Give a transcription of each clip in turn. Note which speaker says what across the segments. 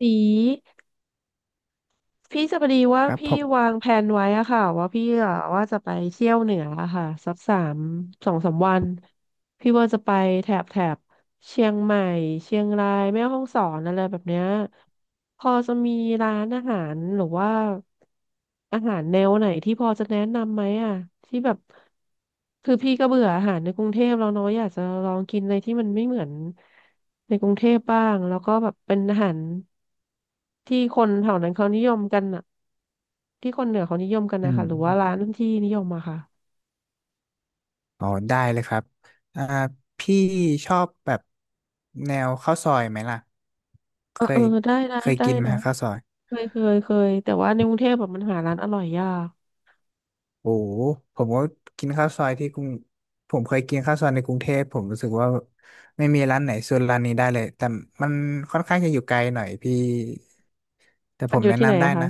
Speaker 1: สีพี่จะพอดีว่า
Speaker 2: ครับ
Speaker 1: พี่
Speaker 2: ผม
Speaker 1: วางแผนไว้อะค่ะว่าพี่อะว่าจะไปเที่ยวเหนืออะค่ะสักสามสองสามวันพี่ว่าจะไปแถบ เชียงใหม่เชียงรายแม่ฮ่องสอนอะไรแบบเนี้ยพอจะมีร้านอาหารหรือว่าอาหารแนวไหนที่พอจะแนะนำไหมอ่ะที่แบบคือพี่ก็เบื่ออาหารในกรุงเทพแล้วเนาะอยากจะลองกินอะไรที่มันไม่เหมือนในกรุงเทพบ้างแล้วก็แบบเป็นอาหารที่คนแถวนั้นเขานิยมกันอ่ะที่คนเหนือเขานิยมกัน
Speaker 2: อื
Speaker 1: นะคะหรือว่าร้า
Speaker 2: ม
Speaker 1: นที่นิยมอะค่ะ
Speaker 2: อ๋อได้เลยครับอ่าพี่ชอบแบบแนวข้าวซอยไหมล่ะ
Speaker 1: เออ
Speaker 2: เค
Speaker 1: เออ
Speaker 2: ย
Speaker 1: ได้นะ
Speaker 2: เคย
Speaker 1: ได้
Speaker 2: กินไหม
Speaker 1: นะ
Speaker 2: ฮะข้าวซอย
Speaker 1: เคยแต่ว่าในกรุงเทพแบบมันหาร้านอร่อยยาก
Speaker 2: โอ้โหผมก็กินข้าวซอยที่กรุงผมเคยกินข้าวซอยในกรุงเทพผมรู้สึกว่าไม่มีร้านไหนสู้ร้านนี้ได้เลยแต่มันค่อนข้างจะอยู่ไกลหน่อยพี่แต่ผ
Speaker 1: มัน
Speaker 2: ม
Speaker 1: อยู่
Speaker 2: แนะ
Speaker 1: ที่ไหน
Speaker 2: นำได้
Speaker 1: อะคะ
Speaker 2: นะ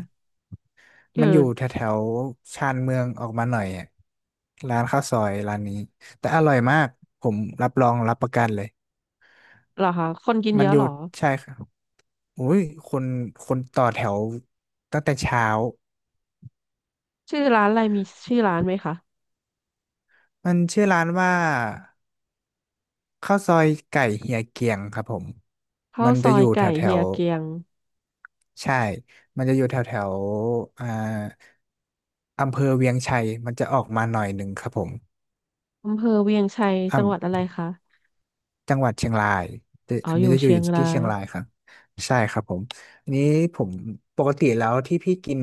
Speaker 1: อยู่
Speaker 2: มันอยู่แถวๆชานเมืองออกมาหน่อยอะร้านข้าวซอยร้านนี้แต่อร่อยมากผมรับรองรับประกันเลย
Speaker 1: เหรอคะคนกิน
Speaker 2: มั
Speaker 1: เย
Speaker 2: น
Speaker 1: อะ
Speaker 2: หยุ
Speaker 1: เหรอ
Speaker 2: ดใช่ครับโอ้ยคนคนต่อแถวตั้งแต่เช้า
Speaker 1: ชื่อร้านอะไรมีชื่อร้านไหมคะ
Speaker 2: มันชื่อร้านว่าข้าวซอยไก่เฮียเกียงครับผม
Speaker 1: ข้า
Speaker 2: มั
Speaker 1: ว
Speaker 2: น
Speaker 1: ซ
Speaker 2: จะ
Speaker 1: อ
Speaker 2: อ
Speaker 1: ย
Speaker 2: ยู่แถ
Speaker 1: ไก่
Speaker 2: วแถ
Speaker 1: เฮีย
Speaker 2: ว
Speaker 1: เกียง
Speaker 2: ใช่ มันจะอยู่แถวแถวอ่าอำเภอเวียงชัยมันจะออกมาหน่อยหนึ่งครับผ
Speaker 1: อำเภอเวียงชัยจังหวัดอะ
Speaker 2: ม
Speaker 1: ไรคะ
Speaker 2: จังหวัดเชียงรายแต่
Speaker 1: อ๋อ
Speaker 2: อัน
Speaker 1: อ
Speaker 2: นี้
Speaker 1: ยู่
Speaker 2: จะอยู่
Speaker 1: เชียงรา
Speaker 2: ที่เชี
Speaker 1: ย
Speaker 2: ยงรายครับ ใช่ครับผม อันนี้ผมปกติแล้วที่พี่กิน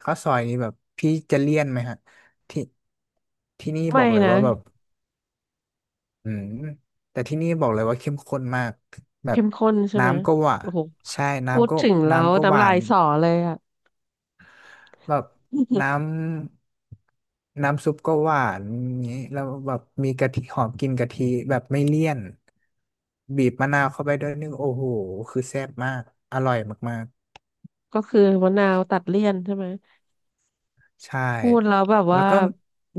Speaker 2: ข้าวซอยนี้แบบพี่จะเลี่ยนไหมฮะที่ที่นี่บ
Speaker 1: ไม่
Speaker 2: อกเลย
Speaker 1: นะ
Speaker 2: ว่าแบบอืมแต่ที่นี่บอกเลยว่าเข้มข้นมากแบ
Speaker 1: เข้
Speaker 2: บ
Speaker 1: มข้นใช่ไหม
Speaker 2: น้ำก็หวาน
Speaker 1: โอ้โห
Speaker 2: ใช่
Speaker 1: พูด
Speaker 2: น้ำก็
Speaker 1: ถึงแล้ว
Speaker 2: น้ำก็ห
Speaker 1: น้ำ
Speaker 2: วา
Speaker 1: ลาย
Speaker 2: น
Speaker 1: สอเลยอะ
Speaker 2: แบบ น้น้ำซุปก็หวานงี้แล้วแบบมีกะทิหอมกลินกะทิแบบไม่เลี่ยนบีบมะนาวเข้าไปด้วยนึงโอ้โหคือแซ่บมากอร่อยมาก
Speaker 1: ก็คือมะนาวตัดเลี่ยนใช่ไหม
Speaker 2: ๆใช่
Speaker 1: พูดแล้วแบบ
Speaker 2: แล้
Speaker 1: ว่า
Speaker 2: วก็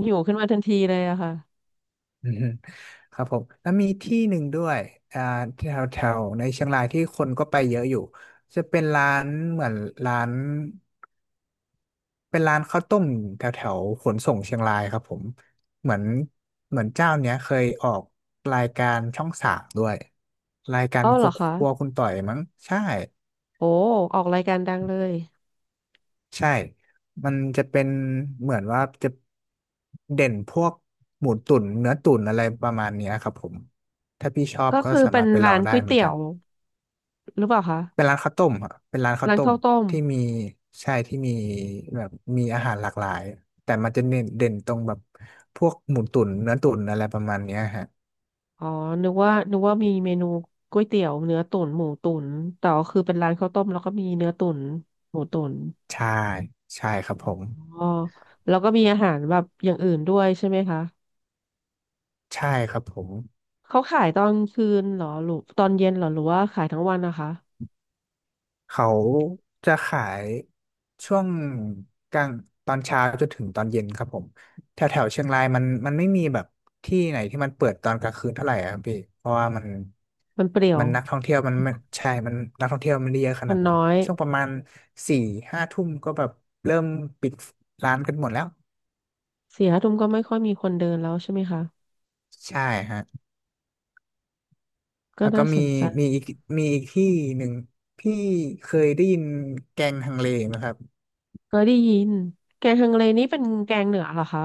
Speaker 1: หิวขึ้นมาทันทีเลยอะค่ะ
Speaker 2: อืมครับผมแล้วมีที่หนึ่งด้วยอ่าแถวแถวในเชียงรายที่คนก็ไปเยอะอยู่จะเป็นร้านเหมือนร้าน เป็นร้านข้าวต้มแถวแถวขนส่งเชียงรายครับผมเหมือนเหมือนเจ้าเนี้ยเคยออกรายการช่องสามด้วยรายการ
Speaker 1: เอ้าเหรอ
Speaker 2: ค
Speaker 1: คะ
Speaker 2: รัวคุณต่อยมั้งใช่
Speaker 1: โอ้ออกรายการดังเลย
Speaker 2: ใช่มันจะเป็นเหมือนว่าจะเด่นพวกหมูตุ๋นเนื้อตุ๋นอะไรประมาณเนี้ยครับผมถ้าพี่ชอบ
Speaker 1: ก็
Speaker 2: ก็
Speaker 1: คือ
Speaker 2: สา
Speaker 1: เป็
Speaker 2: มา
Speaker 1: น
Speaker 2: รถไปล
Speaker 1: ร้า
Speaker 2: อง
Speaker 1: น
Speaker 2: ได้
Speaker 1: ก๋วย
Speaker 2: เหมือน
Speaker 1: เตี๋ย
Speaker 2: กัน
Speaker 1: วหรือเปล่าคะ
Speaker 2: เป็นร้านข้าวต้มอะเป็นร้านข้าว
Speaker 1: ร้าน
Speaker 2: ต้ม
Speaker 1: ข้าวต้ม
Speaker 2: ที่มีใช่ที่มีแบบมีอาหารหลากหลายแต่มันจะเน้นเด่นตรงแบบพวกหมูตุ๋นเนื้อตุ๋นอะไรประมาณเนี้ยฮะ
Speaker 1: อ๋อนึกว่ามีเมนูก๋วยเตี๋ยวเนื้อตุ๋นหมูตุ๋นแต่ก็คือเป็นร้านข้าวต้มแล้วก็มีเนื้อตุ๋นหมูตุ๋น
Speaker 2: ใช่ใช่ครับผม
Speaker 1: อ๋อแล้วก็มีอาหารแบบอย่างอื่นด้วยใช่ไหมคะ
Speaker 2: ใช่ครับผม
Speaker 1: เขาขายตอนคืนเหรอหรือตอนเย็นเหรอหรือว่าขายทั้งวันนะคะ
Speaker 2: เขาจะขายช่วงกลางตอนเช้าจนถึงตอนเย็นครับผมแถวแถวเชียงรายมันไม่มีแบบที่ไหนที่มันเปิดตอนกลางคืนเท่าไหร่อะครับพี่เพราะว่ามัน
Speaker 1: มันเปรี่ยว
Speaker 2: นักท่องเที่ยวมันไม่ใช่มันนักท่องเที่ยวมันไม่ได้เยอะข
Speaker 1: ค
Speaker 2: นา
Speaker 1: น
Speaker 2: ด
Speaker 1: น้
Speaker 2: นั้
Speaker 1: อ
Speaker 2: น
Speaker 1: ย
Speaker 2: ช่วงประมาณสี่ห้าทุ่มก็แบบเริ่มปิดร้านกันหมดแล้ว
Speaker 1: สี่ห้าทุ่มก็ไม่ค่อยมีคนเดินแล้วใช่ไหมคะ
Speaker 2: ใช่ฮะ
Speaker 1: ก็
Speaker 2: แล้วก็
Speaker 1: น่าส
Speaker 2: มี
Speaker 1: นใจ
Speaker 2: มีอีกมีอีกที่หนึ่งพี่เคยได้ยินแกงฮังเลไหมครับ
Speaker 1: เคยได้ยินแกงฮังเลนี่เป็นแกงเหนือเหรอคะ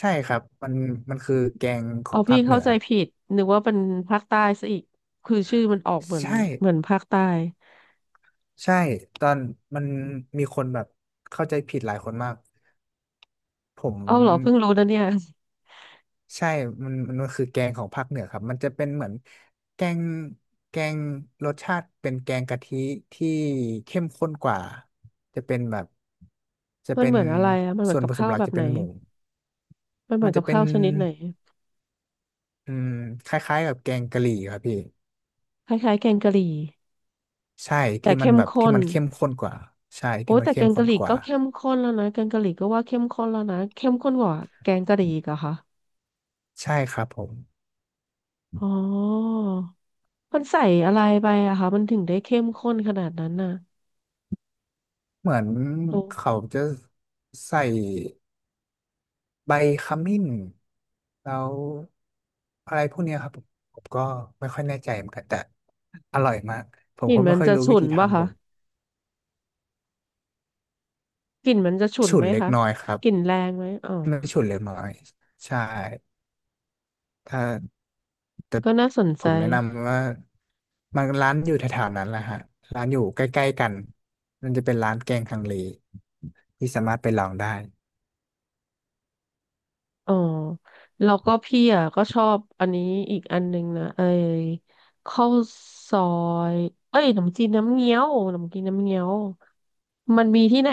Speaker 2: ใช่ครับมันคือแกงขอ
Speaker 1: เอา
Speaker 2: งภา
Speaker 1: พี่
Speaker 2: คเหนื
Speaker 1: เข้า
Speaker 2: อ
Speaker 1: ใจผิดนึกว่าเป็นภาคใต้ซะอีกคือชื่อมันออกเหมือน
Speaker 2: ใช่
Speaker 1: เหมือนภาคใต้
Speaker 2: ใช่ตอนมันมีคนแบบเข้าใจผิดหลายคนมากผม
Speaker 1: เอาเหรอเพิ่งรู้นะเนี่ย
Speaker 2: ใช่มันคือแกงของภาคเหนือครับมันจะเป็นเหมือนแกงแกงรสชาติเป็นแกงกะทิที่เข้มข้นกว่าจะเป็นแบบจะ
Speaker 1: มัน
Speaker 2: เป็
Speaker 1: เห
Speaker 2: น
Speaker 1: มือนอะไรอ่ะมันเหมือ
Speaker 2: ส่
Speaker 1: น
Speaker 2: วน
Speaker 1: กับ
Speaker 2: ผสม
Speaker 1: ข้าว
Speaker 2: หลั
Speaker 1: แบ
Speaker 2: ก
Speaker 1: บ
Speaker 2: จะ
Speaker 1: ไหน
Speaker 2: เป็นหมู
Speaker 1: มันเหมื
Speaker 2: มั
Speaker 1: อ
Speaker 2: น
Speaker 1: นกั
Speaker 2: จะ
Speaker 1: บ
Speaker 2: เป็น
Speaker 1: ข้าวชนิดไหน
Speaker 2: อืมคล้ายๆกับแกงกะหรี่ครับพี่
Speaker 1: คล้ายๆแกงกะหรี่
Speaker 2: ใช่
Speaker 1: แต่
Speaker 2: ที่มั
Speaker 1: เข้
Speaker 2: น
Speaker 1: ม
Speaker 2: แบบ
Speaker 1: ข้
Speaker 2: ที่
Speaker 1: น
Speaker 2: มันเข้มข้นกว่าใช่
Speaker 1: โอ้
Speaker 2: ที่มัน
Speaker 1: แต่
Speaker 2: เข้
Speaker 1: แก
Speaker 2: ม
Speaker 1: ง
Speaker 2: ข้
Speaker 1: กะ
Speaker 2: น
Speaker 1: หรี่
Speaker 2: กว่า
Speaker 1: ก็เข้มข้นแล้วนะแกงกะหรี่ก็ว่าเข้มข้นแล้วนะเข้มข้นกว่าแกงกะหรี่อีกเหรอคะ
Speaker 2: ใช่ครับผม
Speaker 1: อ๋อมันใส่อะไรไปอะคะมันถึงได้เข้มข้นขนาดนั้นน่ะ
Speaker 2: เหมือน
Speaker 1: โอ้
Speaker 2: เขาจะใส่ใบขมิ้นแล้วอะไรพวกเนี้ยครับผมผมก็ไม่ค่อยแน่ใจเหมือนกันแต่อร่อยมากผ
Speaker 1: ก
Speaker 2: ม
Speaker 1: ลิ่น
Speaker 2: ก็ไม่
Speaker 1: มัน
Speaker 2: ค่อย
Speaker 1: จะ
Speaker 2: รู้วิ
Speaker 1: ฉุน
Speaker 2: ธี
Speaker 1: ป่ะ
Speaker 2: ทำผ
Speaker 1: คะ
Speaker 2: ม
Speaker 1: กลิ่นมันจะฉุน
Speaker 2: ฉุ
Speaker 1: ไห
Speaker 2: น
Speaker 1: ม
Speaker 2: เล็ก
Speaker 1: คะ
Speaker 2: น้อยครับ
Speaker 1: กลิ่นแรงไหมอ๋อ
Speaker 2: ไม่ฉุนเล็กน้อยใช่ถ้า แต่
Speaker 1: ก็น่าสน
Speaker 2: ผ
Speaker 1: ใจ
Speaker 2: มแนะนำว่ามันร้านอยู่แถวๆนั้นแหละฮะร้านอยู่ใกล้ๆกันมันจะเป็นร้านแกงฮังเลที่สามารถไปลองได้
Speaker 1: อ๋อแล้วก็พี่อ่ะก็ชอบอันนี้อีกอันนึงนะไอ้ข้าวซอยเอ้ยขนมจีนน้ำเงี้ยวขนมจีนน้ำเงี้ยวมันมีที่ไหน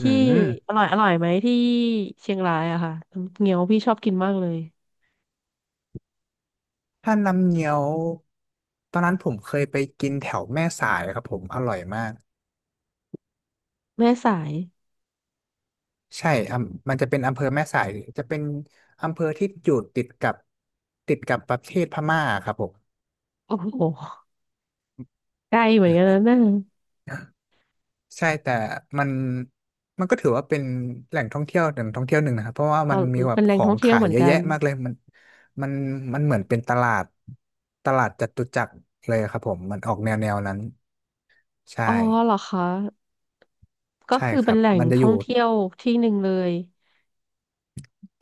Speaker 2: อื
Speaker 1: ที่
Speaker 2: ม
Speaker 1: อร่อยไหมที่เชียงรายอะค่ะน้ำเงี้ยวพี่ชอบกินมากเลย
Speaker 2: ถ้าน้ำเงี้ยวตอนนั้นผมเคยไปกินแถวแม่สายครับผมอร่อยมาก
Speaker 1: แม่สาย
Speaker 2: ใช่มันจะเป็นอำเภอแม่สายจะเป็นอำเภอที่อยู่ติดกับประเทศพม่าครับผม
Speaker 1: โอ้โหใกล้เหมือนกันนะเน่ย
Speaker 2: ใช่แต่มันมันก็ถือว่าเป็นแหล่งท่องเที่ยวหนึ่งนะครับเพราะว่า
Speaker 1: เอา
Speaker 2: มันมีแบ
Speaker 1: เป็
Speaker 2: บ
Speaker 1: นแหล่
Speaker 2: ข
Speaker 1: ง
Speaker 2: อ
Speaker 1: ท่อ
Speaker 2: ง
Speaker 1: งเที่ยว
Speaker 2: ขา
Speaker 1: เห
Speaker 2: ย
Speaker 1: มือน
Speaker 2: เยอะ
Speaker 1: กั
Speaker 2: แยะ
Speaker 1: น
Speaker 2: มากเลยมันมันเหมือนเป็นตลาดจตุจักรเลยครับผมมันออกแนวนั้น
Speaker 1: อ๋อ
Speaker 2: ใช่
Speaker 1: เหรอคะ ก็
Speaker 2: ใช่
Speaker 1: คือ
Speaker 2: ค
Speaker 1: เป็
Speaker 2: รั
Speaker 1: น
Speaker 2: บ
Speaker 1: แหล่ง
Speaker 2: มันจะอ
Speaker 1: ท่อง
Speaker 2: ยู่
Speaker 1: เที่ยวที่หนึ่งเลย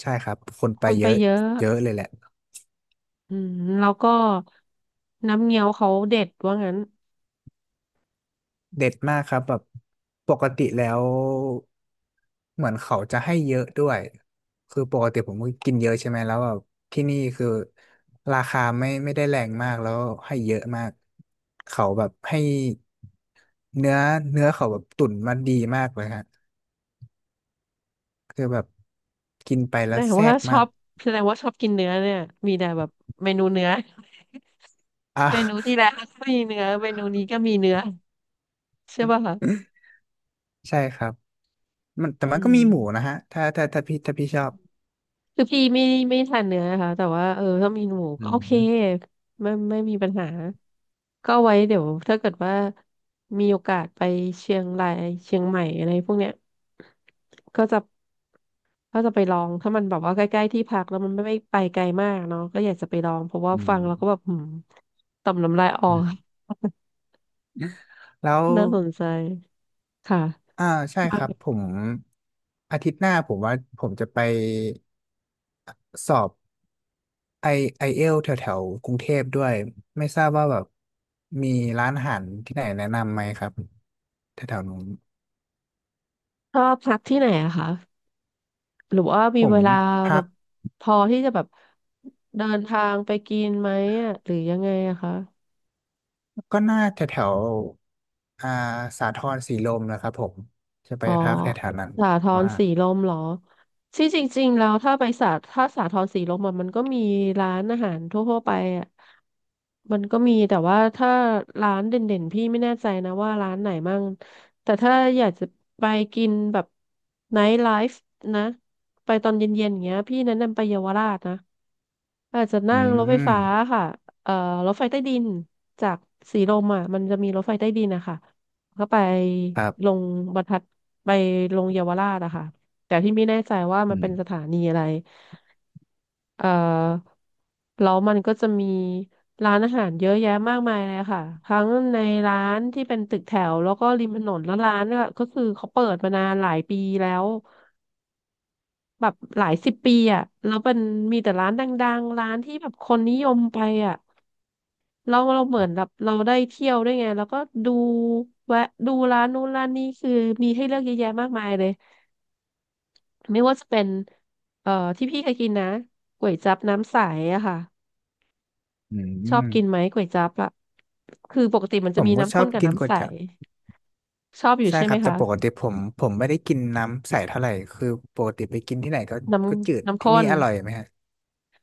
Speaker 2: ใช่ครับคน
Speaker 1: ค
Speaker 2: ไป
Speaker 1: น
Speaker 2: เย
Speaker 1: ไป
Speaker 2: อะ
Speaker 1: เยอะ
Speaker 2: เยอะเลยแหละ
Speaker 1: อืมแล้วก็น้ำเงี้ยวเขาเด็ดว่างั้น
Speaker 2: เด็ดมากครับแบบปกติแล้วเหมือนเขาจะให้เยอะด้วยคือปกติผมก็กินเยอะใช่ไหมแล้วแบบที่นี่คือราคาไม่ได้แรงมากแล้วให้เยอะมากเขาแบบให้เนื้อเนื้อเขาแบบตุ๋นมาดีมากเลยฮะคือแบบกินไป
Speaker 1: แส
Speaker 2: แล้
Speaker 1: ด
Speaker 2: ว
Speaker 1: ง
Speaker 2: แซ่
Speaker 1: ว่า
Speaker 2: บ
Speaker 1: ช
Speaker 2: มา
Speaker 1: อ
Speaker 2: ก
Speaker 1: บแสดงว่าชอบกินเนื้อเนี่ยมีแต่แบบเมนูเนื้อ
Speaker 2: อ่ะ
Speaker 1: เมนูที่แล้วก็มีเนื้อเมนูนี้ก็มีเนื้อใช่ป่ะคะ
Speaker 2: ใช่ครับมันแต่
Speaker 1: อื
Speaker 2: มันก็มีหมูนะ
Speaker 1: ม
Speaker 2: ฮะถ้าพี่ชอบ
Speaker 1: คือพี่ไม่ทานเนื้อนะคะแต่ว่าเออถ้ามีหมู
Speaker 2: อื
Speaker 1: ก็โอเค
Speaker 2: ม
Speaker 1: ไม่มีปัญหา ก็ไว้เดี๋ยวถ้าเกิดว่ามีโอกาสไปเชียงรายเชียงใหม่อะไรพวกเนี้ยก็จะก็จะไปลองถ้ามันแบบว่าใกล้ๆที่พักแล้วมันไม่ไปไกลมากเนาะก็อยากจะไปลองเพราะว่าฟังแล้วก็แบบหืมต่อมน้ำลายออก
Speaker 2: แล้ว
Speaker 1: น่าสนใจค่ะ
Speaker 2: อ่าใช่
Speaker 1: มา
Speaker 2: ครับผมอาทิตย์หน้าผมว่าผมจะไปสอบไอไอเอลแถวแถวๆกรุงเทพด้วยไม่ทราบว่าแบบมีร้านอาหารที่ไหนแนะนำไหมครับแถวแถวนู้น
Speaker 1: ชอบพักที่ไหนอะคะหรือว่ามี
Speaker 2: ผ
Speaker 1: เว
Speaker 2: ม
Speaker 1: ลาแบ
Speaker 2: พัก
Speaker 1: บพอที่จะแบบเดินทางไปกินไหมอะหรือยังไงอะคะ
Speaker 2: ก็น่าแถวแถวอ่าสาทรสีลมนะครับผมจะไป
Speaker 1: อ๋อ
Speaker 2: พักแถวแถวนั้น
Speaker 1: สาทร
Speaker 2: ว่า
Speaker 1: สีลมเหรอที่จริงๆแล้วถ้าไปสาถ้าสาทรสีลมอะมันก็มีร้านอาหารทั่วๆไปอ่ะมันก็มีแต่ว่าถ้าร้านเด่นๆพี่ไม่แน่ใจนะว่าร้านไหนมั่งแต่ถ้าอยากจะไปกินแบบไนท์ไลฟ์นะ ไปตอนเย็นๆอย่างเงี้ยพี่แนะนำไปเยาวราชนะ อาจจะ
Speaker 2: อื
Speaker 1: นั่งรถไฟ
Speaker 2: ม
Speaker 1: ฟ้าค่ะเอ่อรถไฟใต้ดินจากสีลมอ่ะมันจะมีรถไฟใต้ดินนะคะก็ไป
Speaker 2: ครั
Speaker 1: ล
Speaker 2: บ
Speaker 1: งบรรทัดไปลงเยาวราชอะค่ะแต่ที่ไม่แน่ใจว่ามั
Speaker 2: อื
Speaker 1: น
Speaker 2: ม
Speaker 1: เป็นสถานีอะไรเอ่อแล้วมันก็จะมีร้านอาหารเยอะแยะมากมายเลยค่ะทั้งในร้านที่เป็นตึกแถว แล้วก็ริมถนนแล้วร้านก็ก็คือเขาเปิดมานานหลายปีแล้วแบบหลายสิบปีอ่ะแล้วมันมีแต่ร้านดังๆร้านที่แบบคนนิยมไปอ่ะ เราเหมือนแบบเราได้เที่ยวด้วยไงแล้วก็ดูแวะดูร้านนู้นร้านนี้คือมีให้เลือกเยอะแยะมากมายเลยไม่ว่าจะเป็นเอ่อที่พี่เคยกินนะก๋วยจั๊บน้ำใสอะค่ะ
Speaker 2: อื
Speaker 1: ชอบกินไหม
Speaker 2: ม
Speaker 1: ก๋วยจั๊บอะคือปกติมัน
Speaker 2: ผ
Speaker 1: จะ
Speaker 2: ม
Speaker 1: มี
Speaker 2: ก็ช
Speaker 1: น้ำ
Speaker 2: อ
Speaker 1: ข้น
Speaker 2: บ
Speaker 1: กับ
Speaker 2: กินก๋
Speaker 1: น้ำ
Speaker 2: ว
Speaker 1: ใส
Speaker 2: ยจั๊บ
Speaker 1: ชอบอยู่
Speaker 2: ใช่
Speaker 1: ใช่
Speaker 2: ค
Speaker 1: ไหม
Speaker 2: รับแต่
Speaker 1: คะ
Speaker 2: ปกติผมไม่ได้กินน้ำใสเท่าไหร่คือปกติไปกินที่ไหนก็
Speaker 1: น้
Speaker 2: ก็จืด
Speaker 1: น้ำ
Speaker 2: ที่
Speaker 1: ข้
Speaker 2: นี่
Speaker 1: น
Speaker 2: อร่อยไหมฮะ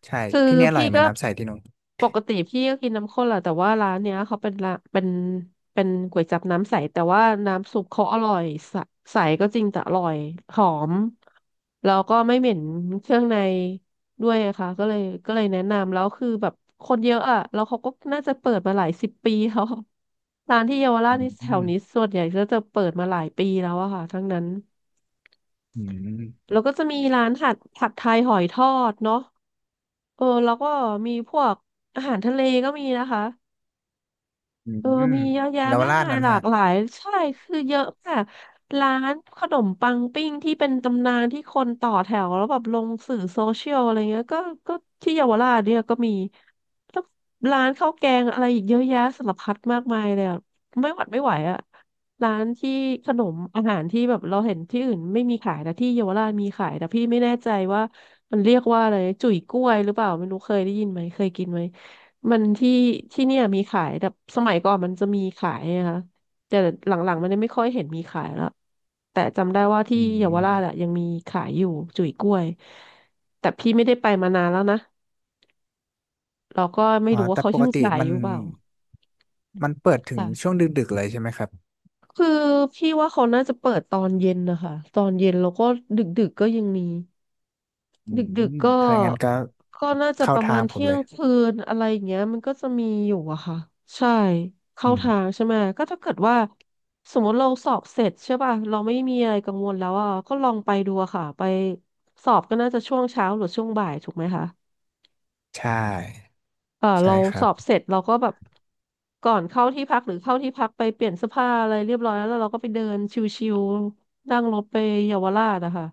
Speaker 2: ใช่
Speaker 1: คือ
Speaker 2: ที่นี่อร่อย
Speaker 1: พี่
Speaker 2: ไหม
Speaker 1: ก็
Speaker 2: น้ำใสที่นู้น
Speaker 1: ปกติพี่ก็กินน้ำข้นแหละแต่ว่าร้านเนี้ยเขาเป็นละเป็นก๋วยจั๊บน้ำใสแต่ว่าน้ำซุปเขาอร่อยใสใสก็จริงแต่อร่อยหอมแล้วก็ไม่เหม็นเครื่องในด้วยอะค่ะก็เลยแนะนำแล้วคือแบบคนเยอะอะแล้วเขาก็น่าจะเปิดมาหลายสิบปีแล้วร้านที่เยาวราช
Speaker 2: อื
Speaker 1: นี่แถว
Speaker 2: ม
Speaker 1: นี้ส่วนใหญ่ก็จะเปิดมาหลายปีแล้วอะค่ะทั้งนั้น
Speaker 2: อืม
Speaker 1: แล้วก็จะมีร้านผัดไทยหอยทอดเนาะเออแล้วก็มีพวกอาหารทะเลก็มีนะคะ
Speaker 2: อื
Speaker 1: เออ
Speaker 2: ม
Speaker 1: มีเยอะแยะ
Speaker 2: เยาว
Speaker 1: มาก
Speaker 2: ราช
Speaker 1: มาย
Speaker 2: นั่น
Speaker 1: หลา
Speaker 2: ฮะ
Speaker 1: กหลาย ใช่คือเยอะมากร้านขนมปังปิ้งที่เป็นตำนานที่คนต่อแถวแล้วแบบลงสื่อโซเชียลอะไรเงี้ยก็ก็ที่เยาวราชเนี่ยก็มีแล้วร้านข้าวแกงอะไรอีกเยอะแยะสารพัดมากมายเลยอะไม่หวัดไม่ไหวอะร้านที่ขนมอาหารที่แบบเราเห็นที่อื่นไม่มีขายแต่ที่เยาวราชมีขายแต่พี่ไม่แน่ใจว่ามันเรียกว่าอะไรจุ๋ยกล้วยหรือเปล่าไม่รู้เคยได้ยินไหมเคยกินไหม มันที่เนี่ยมีขายแต่สมัยก่อนมันจะมีขายนะคะแต่หลังๆมันไม่ค่อยเห็นมีขายแล้วแต่จำได้ว่าที่
Speaker 2: อืม
Speaker 1: เยาวราชอะยังมีขายอยู่จุ๋ยกล้วยแต่พี่ไม่ได้ไปมานานแล้วนะเราก็ไม่
Speaker 2: อ๋อ
Speaker 1: รู้ว่า
Speaker 2: แต่
Speaker 1: เขา
Speaker 2: ป
Speaker 1: ยั
Speaker 2: ก
Speaker 1: ง
Speaker 2: ติ
Speaker 1: ขายอยู่เปล่า
Speaker 2: มันเปิดถึงช่
Speaker 1: ค่ะ
Speaker 2: วงดึกๆเลยใช่ไหมครับ
Speaker 1: คือพี่ว่าเขาน่าจะเปิดตอนเย็นนะคะตอนเย็นแล้วก็ดึกๆก็ยังมี
Speaker 2: อืม
Speaker 1: ดึกๆก็
Speaker 2: ถ้าอย่างนั้นก็
Speaker 1: น่าจะ
Speaker 2: เข้า
Speaker 1: ประ
Speaker 2: ทา
Speaker 1: มา
Speaker 2: ง
Speaker 1: ณ
Speaker 2: ผม
Speaker 1: เที่ย
Speaker 2: เล
Speaker 1: ง
Speaker 2: ย
Speaker 1: คืนอะไรอย่างเงี้ยมันก็จะมีอยู่อะค่ะใช่เข้า
Speaker 2: อืม
Speaker 1: ทางใช่ไหมก็ถ้าเกิดว่าสมมติเราสอบเสร็จใช่ป่ะเราไม่มีอะไรกังวลแล้วอ่ะก็ลองไปดูอะค่ะไปสอบก็น่าจะช่วงเช้าหรือช่วงบ่ายถูกไหมคะ
Speaker 2: ใช่
Speaker 1: เออ
Speaker 2: ใช่
Speaker 1: เรา
Speaker 2: ค
Speaker 1: ส
Speaker 2: รับ
Speaker 1: อบเสร็จเราก็แบบก่อนเข้าที่พักหรือเข้าที่พักไปเปลี่ยนเสื้อผ้าอะไรเรียบร้อยแล้วแล้วเราก็ไปเดินชิวๆนั่งรถไปเยาวราชนะคะ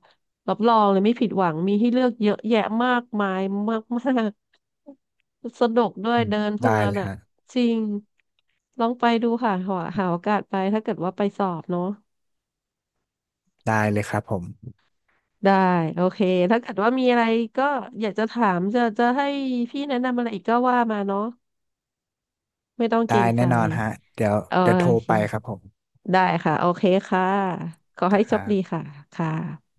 Speaker 1: รับรองเลยไม่ผิดหวังมีให้เลือกเยอะแยะมากมายมากๆ สนุกด้วย
Speaker 2: อืม
Speaker 1: เดินเพลิ
Speaker 2: ได้
Speaker 1: น
Speaker 2: เลย
Speaker 1: อ่ะ
Speaker 2: ฮะ
Speaker 1: จริงลองไปดูค่ะหาหาโอกาสไปถ้าเกิดว่าไปสอบเนาะ
Speaker 2: ได้เลยครับผม
Speaker 1: ได้โอเคถ้าเกิดว่ามีอะไรก็อยากจะถามจะจะให้พี่แนะนำอะไรอีกก็ว่ามาเนาะไม่ต้องเก
Speaker 2: ได้
Speaker 1: รงใจ
Speaker 2: แน่นอนฮะเดี๋ยว
Speaker 1: เออ
Speaker 2: เดี๋ยวโทร
Speaker 1: โอเค
Speaker 2: ไปครับผม
Speaker 1: ได้ค่ะโอเคค่ะขอให้
Speaker 2: ค
Speaker 1: โชค
Speaker 2: รั
Speaker 1: ดี
Speaker 2: บ
Speaker 1: ค่ะค่ะ